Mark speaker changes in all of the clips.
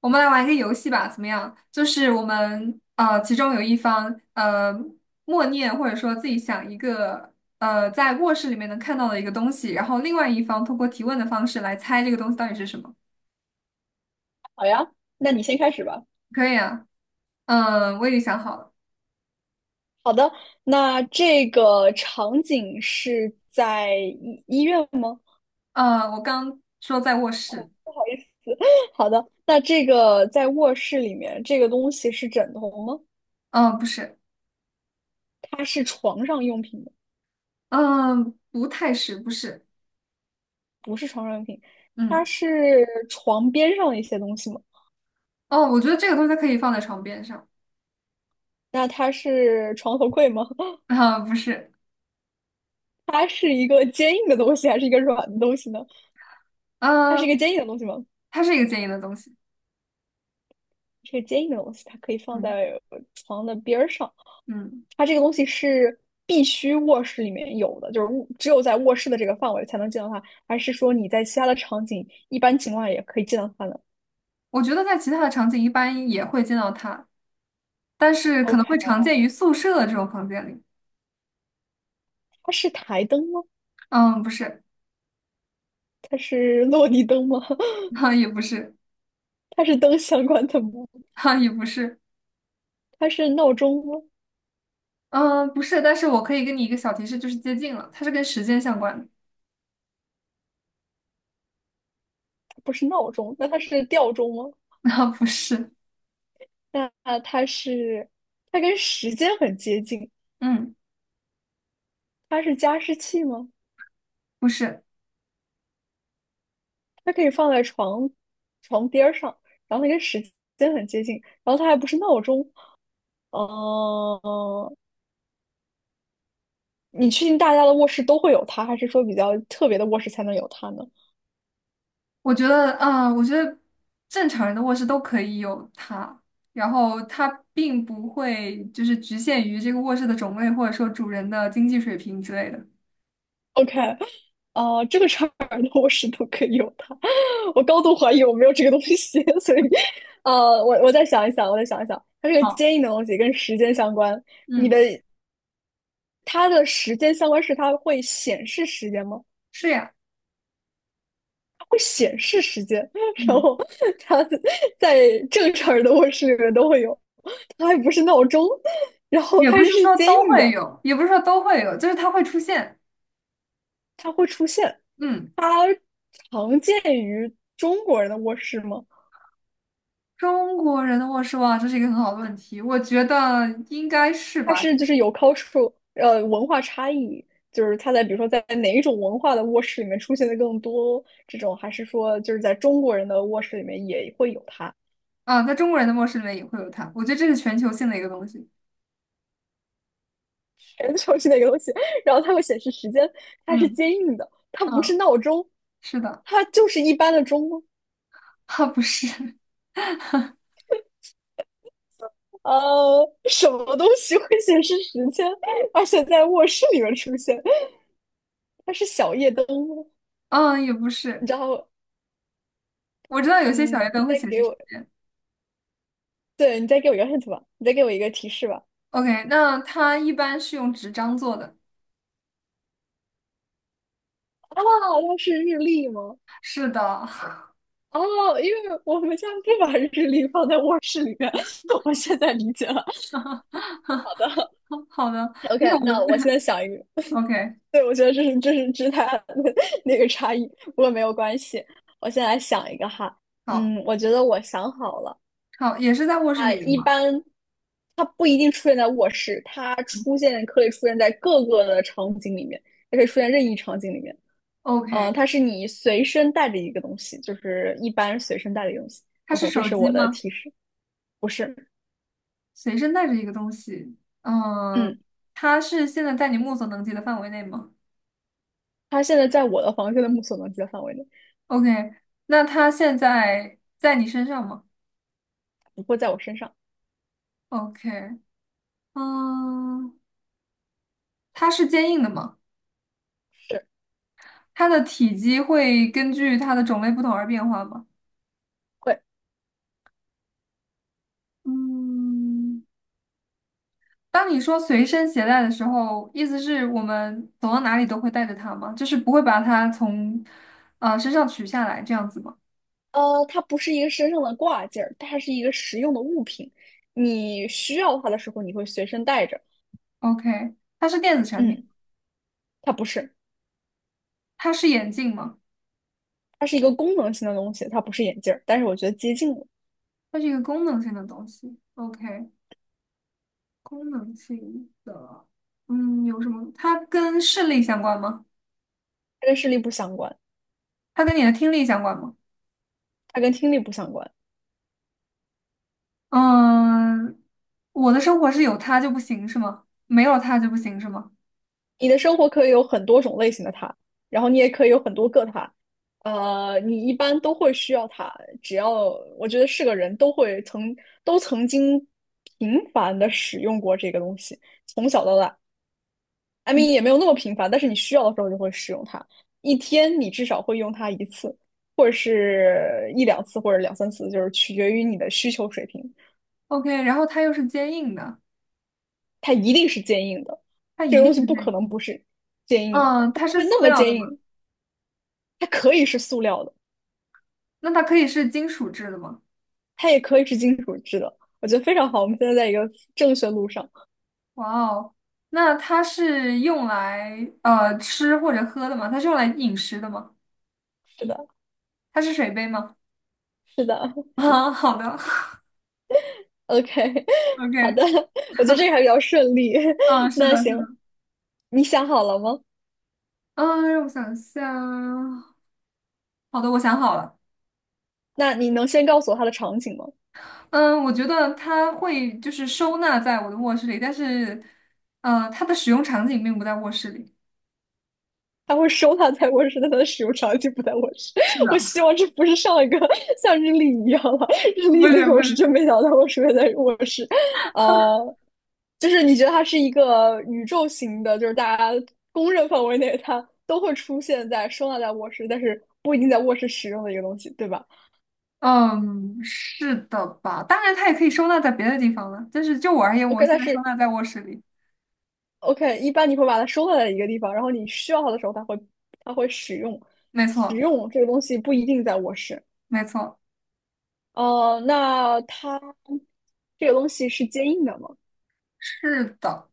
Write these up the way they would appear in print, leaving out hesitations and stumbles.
Speaker 1: 我们来玩一个游戏吧，怎么样？就是我们其中有一方默念或者说自己想一个在卧室里面能看到的一个东西，然后另外一方通过提问的方式来猜这个东西到底是什么。
Speaker 2: 好呀，那你先开始吧。
Speaker 1: 可以啊，嗯、我已经想好了，
Speaker 2: 好的，那这个场景是在医院吗？
Speaker 1: 我刚说在卧室，
Speaker 2: 不好意思，好的，那这个在卧室里面，这个东西是枕头吗？
Speaker 1: 嗯、不是，
Speaker 2: 它是床上用品吗？
Speaker 1: 嗯、不太是，不是，
Speaker 2: 不是床上用品，它
Speaker 1: 嗯，
Speaker 2: 是床边上的一些东西吗？
Speaker 1: 哦，我觉得这个东西它可以放在床边上，
Speaker 2: 那它是床头柜吗？
Speaker 1: 啊、不是，
Speaker 2: 它是一个坚硬的东西还是一个软的东西呢？它是一
Speaker 1: 嗯、
Speaker 2: 个坚硬的东西吗？
Speaker 1: 它是一个坚硬的东西，
Speaker 2: 是个坚硬的东西，它可以放
Speaker 1: 嗯
Speaker 2: 在床的边儿上。
Speaker 1: 嗯。
Speaker 2: 它这个东西是必须卧室里面有的，就是只有在卧室的这个范围才能见到它，还是说你在其他的场景一般情况下也可以见到它呢
Speaker 1: 我觉得在其他的场景一般也会见到它，但是可能
Speaker 2: ？OK，
Speaker 1: 会常见于宿舍的这种房间里。
Speaker 2: 它是台灯吗？
Speaker 1: 嗯，不是，
Speaker 2: 它是落地灯吗？
Speaker 1: 哈，也不是，
Speaker 2: 它是灯相关的吗？
Speaker 1: 哈，也不是，
Speaker 2: 它是闹钟吗？
Speaker 1: 嗯，不是。但是我可以给你一个小提示，就是接近了，它是跟时间相关的。
Speaker 2: 不是闹钟，那它是吊钟吗？
Speaker 1: 啊，不是，
Speaker 2: 那它是，它跟时间很接近，
Speaker 1: 嗯，
Speaker 2: 它是加湿器吗？
Speaker 1: 不是。
Speaker 2: 它可以放在床边儿上，然后它跟时间很接近，然后它还不是闹钟，哦，你确定大家的卧室都会有它，还是说比较特别的卧室才能有它呢
Speaker 1: 我觉得正常人的卧室都可以有它，然后它并不会就是局限于这个卧室的种类，或者说主人的经济水平之类的。
Speaker 2: ？OK，呃，这个场儿的卧室都可以有它，我高度怀疑我没有这个东西，所以，呃，我再想一想，我再想一想，它是个
Speaker 1: 好，
Speaker 2: 坚硬的东西跟时间相关，你的
Speaker 1: 嗯，
Speaker 2: 它的时间相关是它会显示时间吗？
Speaker 1: 是呀。
Speaker 2: 会显示时间，然
Speaker 1: 嗯。
Speaker 2: 后它在正常人的卧室里面都会有，它还不是闹钟，然后
Speaker 1: 也不
Speaker 2: 它
Speaker 1: 是
Speaker 2: 是
Speaker 1: 说
Speaker 2: 坚
Speaker 1: 都
Speaker 2: 硬
Speaker 1: 会
Speaker 2: 的。
Speaker 1: 有，也不是说都会有，就是它会出现。
Speaker 2: 它会出现，
Speaker 1: 嗯，
Speaker 2: 它常见于中国人的卧室吗？
Speaker 1: 中国人的卧室哇，这是一个很好的问题，我觉得应该是
Speaker 2: 它
Speaker 1: 吧。
Speaker 2: 是就是有 culture 文化差异，就是它在比如说在哪一种文化的卧室里面出现的更多，这种还是说就是在中国人的卧室里面也会有它，
Speaker 1: 啊，在中国人的卧室里面也会有它，我觉得这是全球性的一个东西。
Speaker 2: 全球性的一个东西，然后它会显示时间，它是
Speaker 1: 嗯
Speaker 2: 坚硬的，它不是
Speaker 1: 嗯，
Speaker 2: 闹钟，
Speaker 1: 是的，
Speaker 2: 它就是一般的钟吗。
Speaker 1: 啊不是，
Speaker 2: 呃，什么东西会显示时间，而且在卧室里面出现？它是小夜灯吗？
Speaker 1: 嗯也不
Speaker 2: 你
Speaker 1: 是，
Speaker 2: 知道
Speaker 1: 我知道有些小夜
Speaker 2: 嗯，
Speaker 1: 灯会显示。
Speaker 2: 对，你再给我一个 hint 吧，你再给我一个提示吧。
Speaker 1: OK，那它一般是用纸张做的。
Speaker 2: 啊，那是日历吗？
Speaker 1: 是的，
Speaker 2: 哦，因为我们家不把日历放在卧室里面，我现在理解了。好的
Speaker 1: 好的，
Speaker 2: ，OK，
Speaker 1: 因为
Speaker 2: 那我现在
Speaker 1: 我
Speaker 2: 想一个，
Speaker 1: OK，
Speaker 2: 对，我觉得这是之它的 那个差异，不过没有关系。我先来想一个哈，
Speaker 1: 好
Speaker 2: 嗯，我觉得我想好了，
Speaker 1: 好也是在卧
Speaker 2: 啊，
Speaker 1: 室里的
Speaker 2: 一
Speaker 1: 吗？
Speaker 2: 般它不一定出现在卧室，它出现可以出现在各个的场景里面，也可以出现任意场景里面。嗯，
Speaker 1: OK，
Speaker 2: 它是你随身带着一个东西，就是一般随身带的一个东西。
Speaker 1: 它是
Speaker 2: OK，这
Speaker 1: 手
Speaker 2: 是
Speaker 1: 机
Speaker 2: 我的
Speaker 1: 吗？
Speaker 2: 提示，不是。
Speaker 1: 随身带着一个东西，嗯，
Speaker 2: 嗯，
Speaker 1: 它是现在在你目所能及的范围内吗
Speaker 2: 它现在在我的房间的目所能及的范围内，
Speaker 1: ？OK，那它现在在你身上吗
Speaker 2: 不会在我身上。
Speaker 1: ？OK，嗯，它是坚硬的吗？
Speaker 2: 是，
Speaker 1: 它的体积会根据它的种类不同而变化吗？
Speaker 2: 会。
Speaker 1: 嗯，当你说随身携带的时候，意思是我们走到哪里都会带着它吗？就是不会把它从身上取下来这样子吗
Speaker 2: 呃，它不是一个身上的挂件儿，它是一个实用的物品。你需要它的时候，你会随身带着。
Speaker 1: ？OK，它是电子产品，
Speaker 2: 嗯，它不是，
Speaker 1: 它是眼镜吗？
Speaker 2: 它是一个功能性的东西，它不是眼镜儿，但是我觉得接近了，
Speaker 1: 它是一个功能性的东西。OK，功能性的，嗯，有什么？它跟视力相关吗？
Speaker 2: 它跟视力不相关，
Speaker 1: 它跟你的听力相关吗？
Speaker 2: 它跟听力不相关。
Speaker 1: 嗯，我的生活是有它就不行是吗？没有它就不行是吗
Speaker 2: 你的生活可以有很多种类型的它，然后你也可以有很多个它。呃，你一般都会需要它，只要我觉得是个人都曾经频繁的使用过这个东西，从小到大，I mean 也没有那么频繁，但是你需要的时候就会使用它，一天你至少会用它一次，或者是一两次，或者两三次，就是取决于你的需求水平。
Speaker 1: ？OK，然后它又是坚硬的，
Speaker 2: 它一定是坚硬的，这个东西不
Speaker 1: 对
Speaker 2: 可能不是坚硬的，
Speaker 1: 嗯，
Speaker 2: 它
Speaker 1: 它
Speaker 2: 不
Speaker 1: 是
Speaker 2: 会
Speaker 1: 塑
Speaker 2: 那么
Speaker 1: 料
Speaker 2: 坚
Speaker 1: 的吗？
Speaker 2: 硬，它可以是塑料的，
Speaker 1: 那它可以是金属制的吗？
Speaker 2: 它也可以是金属制的，我觉得非常好。我们现在在一个正确路上。
Speaker 1: 哇哦，那它是用来吃或者喝的吗？它是用来饮食的吗？
Speaker 2: 是的，
Speaker 1: 它是水杯吗？
Speaker 2: 是的
Speaker 1: 啊，好的
Speaker 2: ，OK，好
Speaker 1: ，OK，
Speaker 2: 的，我觉得这个还比较顺利。
Speaker 1: 嗯，是
Speaker 2: 那
Speaker 1: 的，是
Speaker 2: 行，
Speaker 1: 的。
Speaker 2: 你想好了吗？
Speaker 1: 嗯，让我想一下。好的，我想好了。
Speaker 2: 那你能先告诉我它的场景吗？
Speaker 1: 嗯，我觉得它会就是收纳在我的卧室里，但是，它的使用场景并不在卧室里。
Speaker 2: 他会收它在卧室，但它的使用场景不在卧室。
Speaker 1: 是的，
Speaker 2: 我希望这不是上一个像日历一样了，日
Speaker 1: 不
Speaker 2: 历那
Speaker 1: 是
Speaker 2: 个
Speaker 1: 不
Speaker 2: 我是
Speaker 1: 是，
Speaker 2: 真没想到我出现在卧室。呃，就是你觉得它是一个宇宙型的，就是大家公认范围内它都会出现在收纳在卧室，但是不一定在卧室使用的一个东西，对吧
Speaker 1: 嗯，是的吧？当然，它也可以收纳在别的地方了，但是就我而言，我
Speaker 2: ？OK，
Speaker 1: 现
Speaker 2: 但
Speaker 1: 在收
Speaker 2: 是
Speaker 1: 纳在卧室里。
Speaker 2: OK，一般你会把它收纳在一个地方，然后你需要它的时候，它会使用，
Speaker 1: 没
Speaker 2: 使
Speaker 1: 错，
Speaker 2: 用这个东西不一定在卧室。
Speaker 1: 没错，
Speaker 2: 哦，那它这个东西是坚硬的吗？
Speaker 1: 是的，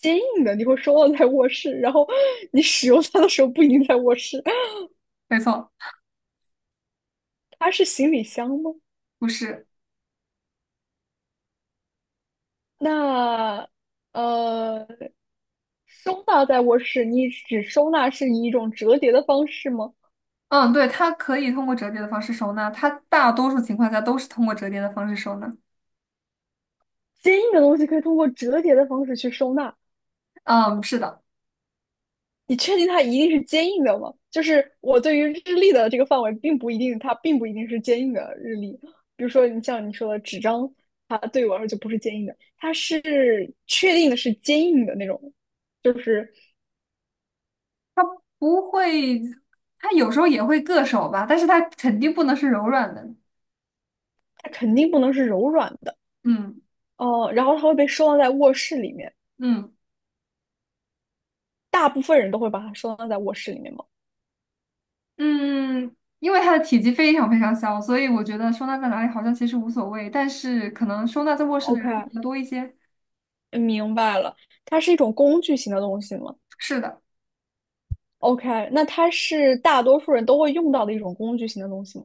Speaker 2: 坚硬的，你会收到在卧室，然后你使用它的时候不一定在卧室。
Speaker 1: 没错，
Speaker 2: 它是行李箱吗？
Speaker 1: 不是。
Speaker 2: 那呃，收纳在卧室，你只收纳是以一种折叠的方式吗？
Speaker 1: 嗯，对，它可以通过折叠的方式收纳，它大多数情况下都是通过折叠的方式收纳。
Speaker 2: 坚硬的东西可以通过折叠的方式去收纳，
Speaker 1: 嗯，是的。
Speaker 2: 你确定它一定是坚硬的吗？就是我对于日历的这个范围，并不一定，它并不一定是坚硬的日历。比如说，你像你说的纸张，它对于我来说就不是坚硬的，它是确定的是坚硬的那种，就是
Speaker 1: 不会，它有时候也会硌手吧，但是它肯定不能是柔软的。
Speaker 2: 它肯定不能是柔软的。
Speaker 1: 嗯
Speaker 2: 哦、然后它会被收纳在卧室里面，
Speaker 1: 嗯
Speaker 2: 大部分人都会把它收纳在卧室里面吗？
Speaker 1: 嗯，因为它的体积非常非常小，所以我觉得收纳在哪里好像其实无所谓，但是可能收纳在卧室的人会
Speaker 2: OK，
Speaker 1: 比较多一些。
Speaker 2: 明白了，它是一种工具型的东西吗
Speaker 1: 是的，
Speaker 2: ？OK，那它是大多数人都会用到的一种工具型的东西吗？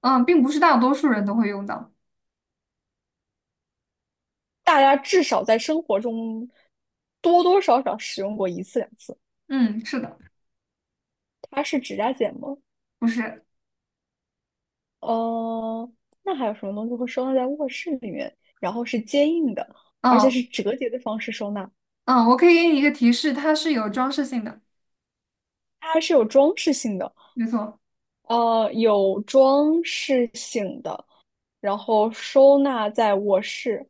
Speaker 1: 嗯，并不是大多数人都会用到。
Speaker 2: 大家至少在生活中多多少少使用过一次两次。
Speaker 1: 嗯，是的，
Speaker 2: 它是指甲剪吗？
Speaker 1: 不是。
Speaker 2: 呃，那还有什么东西会收纳在卧室里面，然后是坚硬的，而且
Speaker 1: 嗯
Speaker 2: 是折叠的方式收纳？
Speaker 1: 嗯，我可以给你一个提示，它是有装饰性的，
Speaker 2: 它是有装饰性的，
Speaker 1: 没错。
Speaker 2: 呃，有装饰性的，然后收纳在卧室，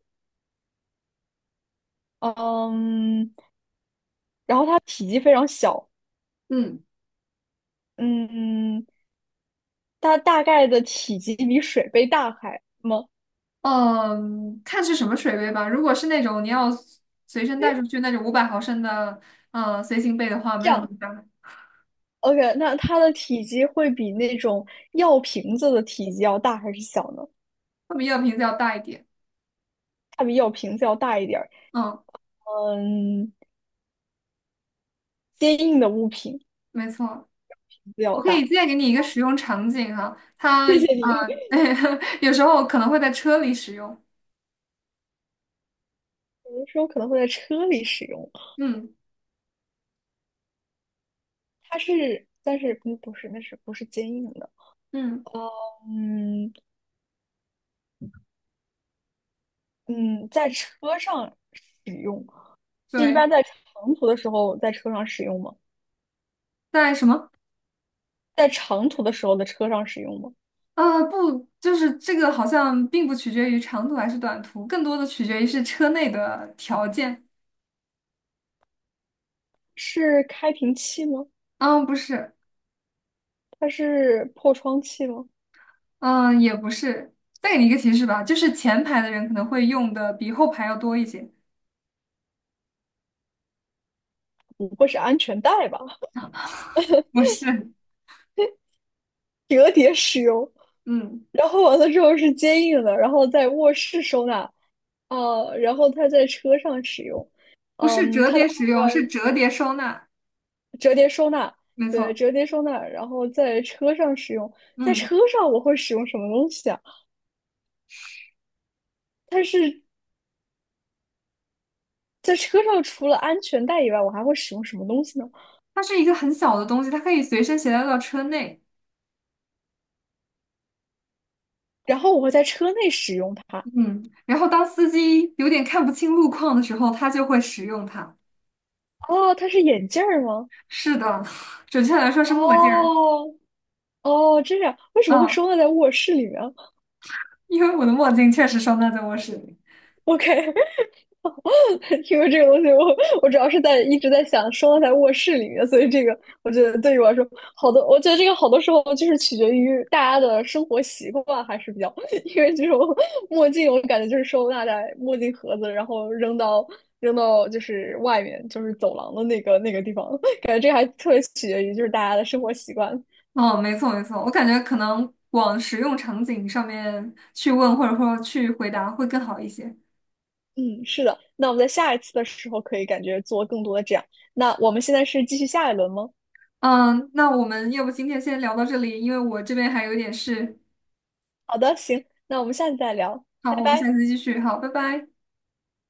Speaker 2: 嗯，然后它体积非常小，
Speaker 1: 嗯。
Speaker 2: 嗯，它大概的体积比水杯大还吗？
Speaker 1: 嗯，看是什么水杯吧。如果是那种你要随身带出去那种500毫升的，嗯，随行杯的话，没
Speaker 2: 这
Speaker 1: 有那
Speaker 2: 样，
Speaker 1: 么大，
Speaker 2: OK，那它的体积会比那种药瓶子的体积要大还是小呢？
Speaker 1: 会比药瓶子要大一点。
Speaker 2: 它比药瓶子要大一点儿。
Speaker 1: 嗯，
Speaker 2: 嗯，坚硬的物品
Speaker 1: 没错。
Speaker 2: 比较
Speaker 1: 我可以
Speaker 2: 大。
Speaker 1: 再给你一个使用场景哈，它
Speaker 2: 谢谢
Speaker 1: 啊，
Speaker 2: 你。
Speaker 1: 有时候可能会在车里使用。
Speaker 2: 有的时候可能会在车里使用。
Speaker 1: 嗯
Speaker 2: 它是，但是嗯不是，那是不是坚硬的？
Speaker 1: 嗯，
Speaker 2: 嗯嗯，在车上使用是一
Speaker 1: 对，
Speaker 2: 般在长途的时候在车上使用吗？
Speaker 1: 在什么？
Speaker 2: 在长途的时候的车上使用吗？
Speaker 1: 啊，不，就是这个好像并不取决于长途还是短途，更多的取决于是车内的条件。
Speaker 2: 是开瓶器吗？
Speaker 1: 嗯，不是。
Speaker 2: 它是破窗器吗？
Speaker 1: 嗯，也不是。再给你一个提示吧，就是前排的人可能会用的比后排要多一些。
Speaker 2: 不会是安全带吧？
Speaker 1: 不是，
Speaker 2: 折叠使用。
Speaker 1: 嗯，
Speaker 2: 然后完了之后是坚硬的，然后在卧室收纳，呃，然后它在车上使用，
Speaker 1: 不是
Speaker 2: 嗯，
Speaker 1: 折
Speaker 2: 它的
Speaker 1: 叠使
Speaker 2: 外
Speaker 1: 用，是
Speaker 2: 观
Speaker 1: 折叠收纳，
Speaker 2: 折叠收纳，
Speaker 1: 没
Speaker 2: 对，
Speaker 1: 错。
Speaker 2: 折叠收纳，然后在车上使用，在
Speaker 1: 嗯，
Speaker 2: 车上我会使用什么东西啊？是在车上除了安全带以外，我还会使用什么东西呢？
Speaker 1: 它是一个很小的东西，它可以随身携带到车内。
Speaker 2: 然后我会在车内使用它。
Speaker 1: 嗯，然后当司机有点看不清路况的时候，他就会使用它。
Speaker 2: 哦，它是眼镜儿吗？
Speaker 1: 是的，准确来说是墨镜儿。
Speaker 2: 哦哦，这样，为什么会
Speaker 1: 嗯，
Speaker 2: 收纳在卧室里面
Speaker 1: 因为我的墨镜确实收纳在卧室里。
Speaker 2: ？OK，因为这个东西我，我主要是在一直在想收纳在卧室里面，所以这个我觉得对于我来说，好多我觉得这个好多时候就是取决于大家的生活习惯，还是比较，因为这种墨镜我感觉就是收纳在墨镜盒子，然后扔到就是外面就是走廊的那个地方，感觉这个还特别取决于就是大家的生活习惯。
Speaker 1: 哦，没错没错，我感觉可能往实用场景上面去问，或者说去回答会更好一些。
Speaker 2: 嗯，是的，那我们在下一次的时候可以感觉做更多的这样。那我们现在是继续下一轮吗？
Speaker 1: 嗯，那我们要不今天先聊到这里，因为我这边还有点事。
Speaker 2: 好的，行，那我们下次再聊，拜
Speaker 1: 好，我们下
Speaker 2: 拜。
Speaker 1: 次继续。好，拜拜。